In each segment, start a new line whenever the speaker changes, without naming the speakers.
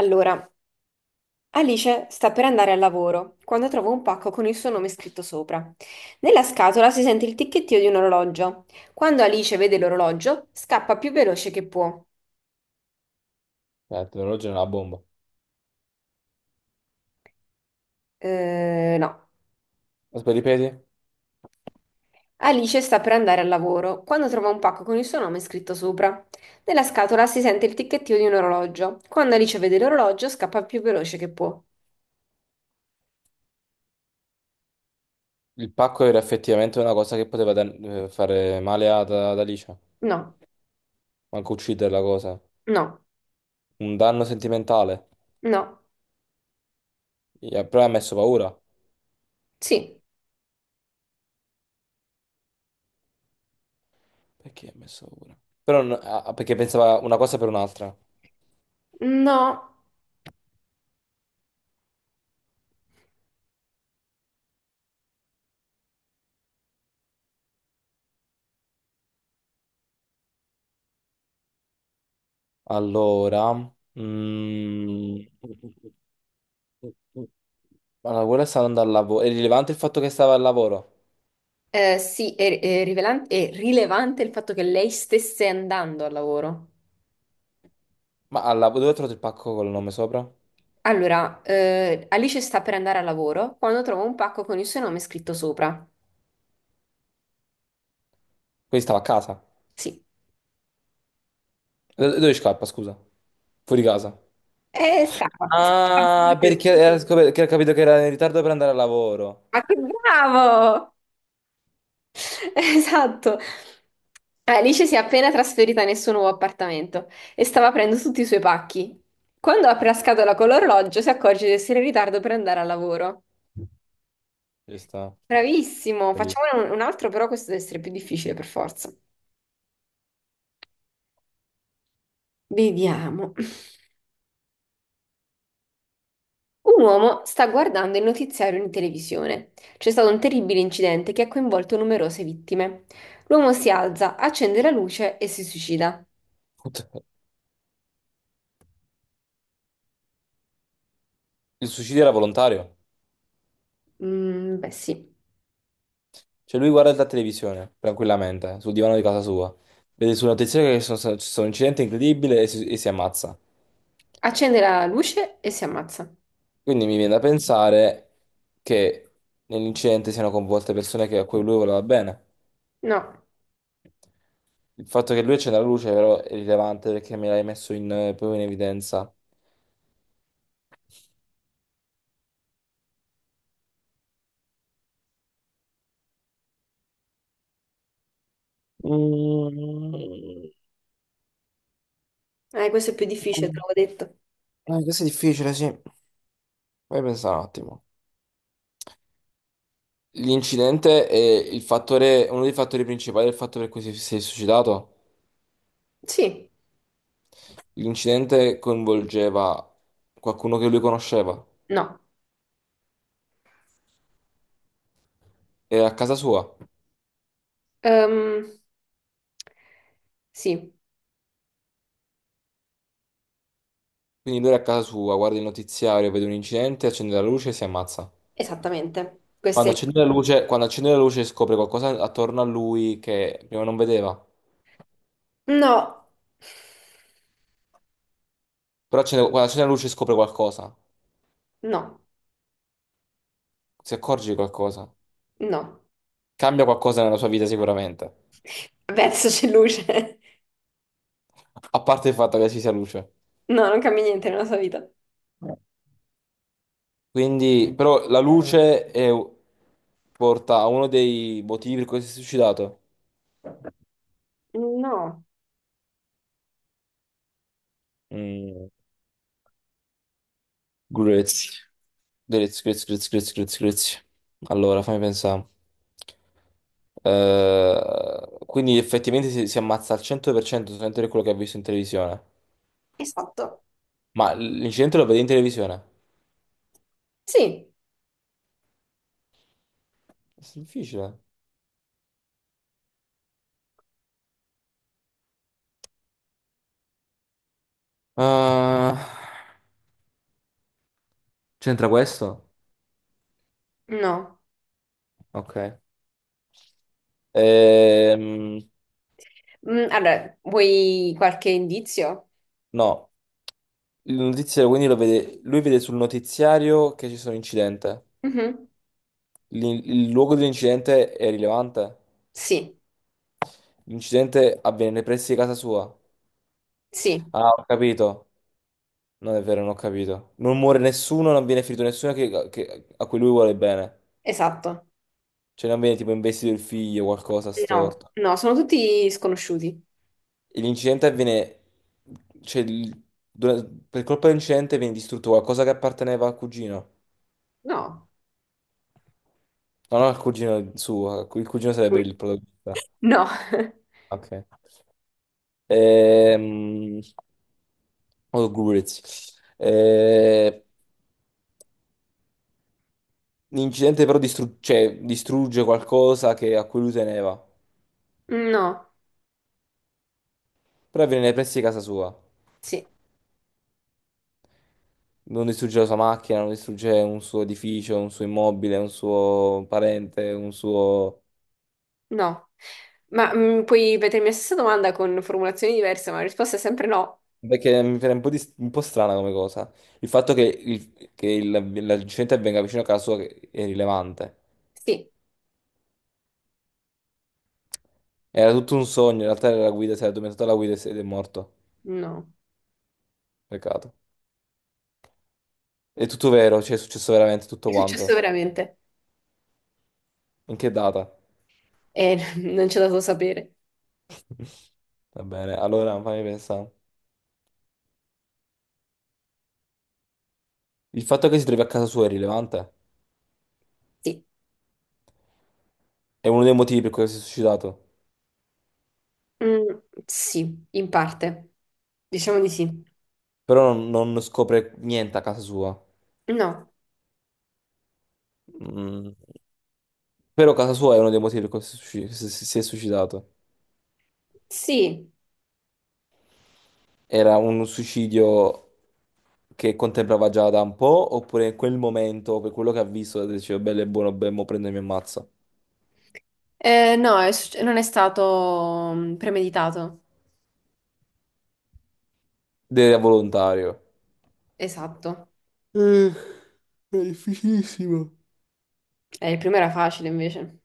Allora, Alice sta per andare al lavoro quando trova un pacco con il suo nome scritto sopra. Nella scatola si sente il ticchettio di un orologio. Quando Alice vede l'orologio, scappa più veloce che può.
L'orologio è una bomba.
No.
Aspetta, ripeti?
Alice sta per andare al lavoro quando trova un pacco con il suo nome scritto sopra. Nella scatola si sente il ticchettio di un orologio. Quando Alice vede l'orologio, scappa più veloce che può.
Il pacco era effettivamente una cosa che poteva fare male ad Alicia.
No,
Manco ucciderla cosa.
no,
Un danno sentimentale.
no,
Però ha messo paura.
sì,
Perché ha messo paura? Però non- ah, ah, Perché pensava una cosa per un'altra.
no.
Allora... mm, Allora, quella stava andando al lavoro. È rilevante il fatto che stava al lavoro.
Sì, è rilevante il fatto che lei stesse andando al lavoro.
Ma al lavoro dove ha trovato il pacco col nome sopra? Quindi
Allora, Alice sta per andare al lavoro quando trova un pacco con il suo nome scritto sopra.
stava a casa.
Sì.
Dove scappa, scusa? Fuori casa.
E scappa.
Ah, perché era che ho capito che era in ritardo per andare a lavoro.
Ma che bravo! Esatto. Alice si è appena trasferita nel suo nuovo appartamento e stava aprendo tutti i suoi pacchi. Quando apre la scatola con l'orologio, si accorge di essere in ritardo per andare al lavoro.
Ci sta.
Bravissimo,
È lì.
facciamone un altro, però questo deve essere più difficile per forza. Vediamo. Un uomo sta guardando il notiziario in televisione. C'è stato un terribile incidente che ha coinvolto numerose vittime. L'uomo si alza, accende la luce e si suicida.
Putt- Il suicidio era volontario.
Mm, beh, sì.
Cioè lui guarda la televisione, tranquillamente, sul divano di casa sua. Vede sul notiziario che ci sono un incidente incredibile e e si ammazza.
Accende la luce e si ammazza.
Quindi mi viene da pensare che nell'incidente siano coinvolte persone a cui lui voleva bene.
No,
Il fatto che lui accenda la luce però è rilevante perché me l'hai messo in, proprio in evidenza. Mm.
questo è più difficile, te
Eh,
l'avevo detto.
questo è difficile, sì. Vai a pensare un attimo. L'incidente è il fattore, uno dei fattori principali del fatto per cui si è suicidato.
Sì,
L'incidente coinvolgeva qualcuno che lui conosceva.
no.
Era a casa sua.
Ehm, sì,
Quindi lui era a casa sua, guarda il notiziario, vede un incidente, accende la luce e si ammazza.
esattamente. Questo
Quando
è...
accende la luce, quando accende la luce scopre qualcosa attorno a lui che prima non vedeva.
No,
Però quando accende la luce scopre qualcosa.
no.
Si accorge di qualcosa.
No,
Cambia qualcosa nella sua vita sicuramente.
verso c'è luce.
A parte il fatto che ci sia luce.
No, non cambia niente nella sua vita.
Quindi, però porta a uno dei motivi per cui si è suicidato.
No,
Mm, grazie. Grazie, grazie, grazie, grazie, grazie, grazie. Allora, fammi pensare. Quindi effettivamente si ammazza al 100% solamente per quello che ha visto in televisione.
esatto.
Ma l'incidente lo vede in televisione?
Sì,
È difficile. Eh, c'entra questo?
no.
Ok. Ehm,
Mm, allora, vuoi qualche indizio?
no, il notiziario quindi lo vede, lui vede sul notiziario che ci sono incidente.
Mhm.
Luogo dell'incidente è rilevante.
Sì,
L'incidente avviene nei pressi di casa sua.
sì,
Ah, ho capito. Non è vero, non ho capito. Non muore nessuno, non viene ferito nessuno a cui lui vuole bene.
esatto.
Cioè non viene tipo investito il figlio, qualcosa
No,
storto.
no, sono tutti sconosciuti.
E l'incidente avviene... Cioè, il- dura- per colpa dell'incidente viene distrutto qualcosa che apparteneva al cugino.
No.
No, non al cugino suo, il cugino sarebbe il protagonista.
No,
Ok. Ehm, oh, Goodreads. L'incidente però cioè, distrugge qualcosa a cui lui teneva.
no,
Però avviene nei pressi di casa sua.
sì,
Non distrugge la sua macchina, non distrugge un suo edificio, un suo immobile, un suo parente, un suo...
no. Ma puoi ripetermi la stessa domanda con formulazioni diverse, ma la risposta è sempre no.
Perché mi pare un po', un po' strana come cosa. Il fatto l'incidente avvenga vicino a casa sua è rilevante.
Sì,
Era tutto un sogno, in realtà era la guida, si era addormentato alla guida e ed è morto.
no.
Peccato. È tutto vero, cioè è successo veramente tutto
È successo
quanto.
veramente.
In che data?
Non c'è dato sapere.
Va bene, allora fammi pensare. Il fatto che si trovi a casa sua è rilevante?
Sì.
È uno dei motivi per cui si è suicidato.
Mm, sì, in parte. Diciamo di sì.
Però non, non scopre niente a casa sua.
No.
Mm. Però casa sua è uno dei motivi per cui si è si è suicidato.
Sì.
Era un suicidio che contemplava già da un po', oppure in quel momento, per quello che ha visto, diceva bello e buono, beh, mo prendo e mi ammazza.
No, non è stato premeditato.
Ed era volontario.
Esatto.
Eh, è difficilissimo.
Il primo era facile invece.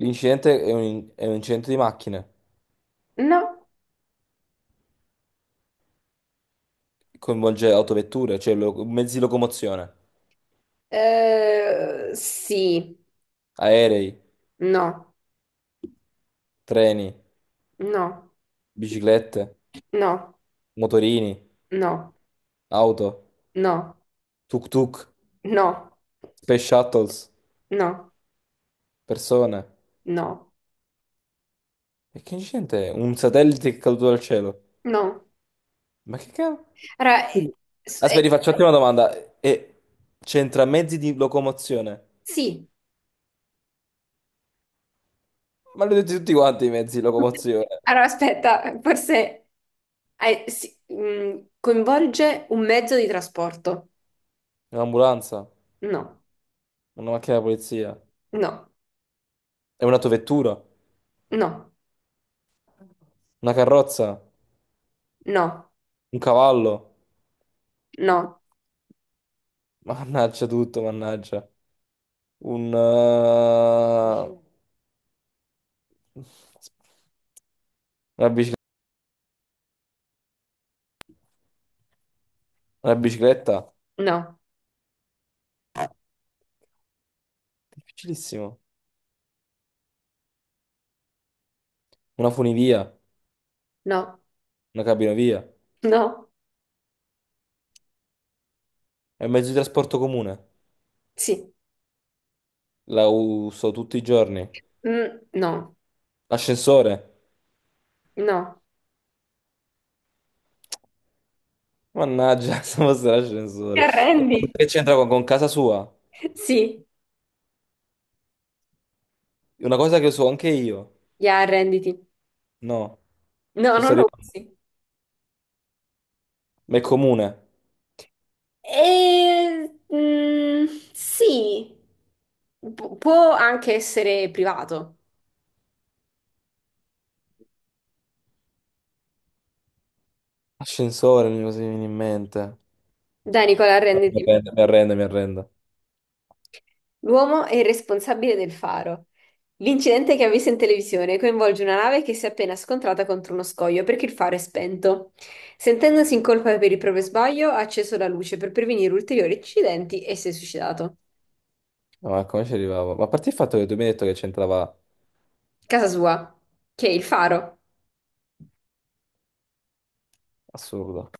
L'incidente è è un incidente di macchine,
No,
coinvolge autovetture, mezzi di locomozione,
eh, sì,
aerei,
no,
treni,
no,
biciclette,
no,
motorini,
no,
auto,
no,
tuk-tuk,
no,
space shuttles,
no,
persone.
no,
E che incidente è? Un satellite che è caduto dal cielo.
no.
Ma che cavolo?
Allora,
Quindi-
s- eh,
Aspetta, facciate una domanda. E c'entra mezzi di locomozione?
sì.
Ma li ho detti tutti quanti i mezzi di locomozione.
Allora, aspetta, forse sì, coinvolge un mezzo di trasporto.
Un'ambulanza,
No,
una macchina da polizia,
no,
è un'autovettura,
no,
una carrozza.
no,
Un cavallo?
no,
Mannaggia tutto, mannaggia. Un... eh, Una bicicletta? Una bicicletta?
no,
Difficilissimo. Una funivia?
no,
Una cabinovia?
no,
È un mezzo di trasporto comune.
sì,
La uso tutti i giorni.
mm, no,
L'ascensore?
no.
Mannaggia, se fosse
Ti
l'ascensore. E
arrendi?
poi che c'entra con casa sua?
Sì,
Una cosa che so anche io.
ya, arrenditi.
No,
No,
ci sto
non lo
arrivando.
usi.
Ma è comune.
E, sì, può anche essere privato.
Ascensore, mi viene in mente.
Dai, Nicola,
No, mi
arrenditi.
arrendo, mi arrendo, mi arrendo.
L'uomo è il responsabile del faro. L'incidente che ha visto in televisione coinvolge una nave che si è appena scontrata contro uno scoglio perché il faro è spento. Sentendosi in colpa per il proprio sbaglio, ha acceso la luce per prevenire ulteriori incidenti e si è suicidato.
No, ma come ci arrivavo? Ma a parte il fatto che tu mi hai detto che c'entrava
Casa sua, che è il faro.
assurdo.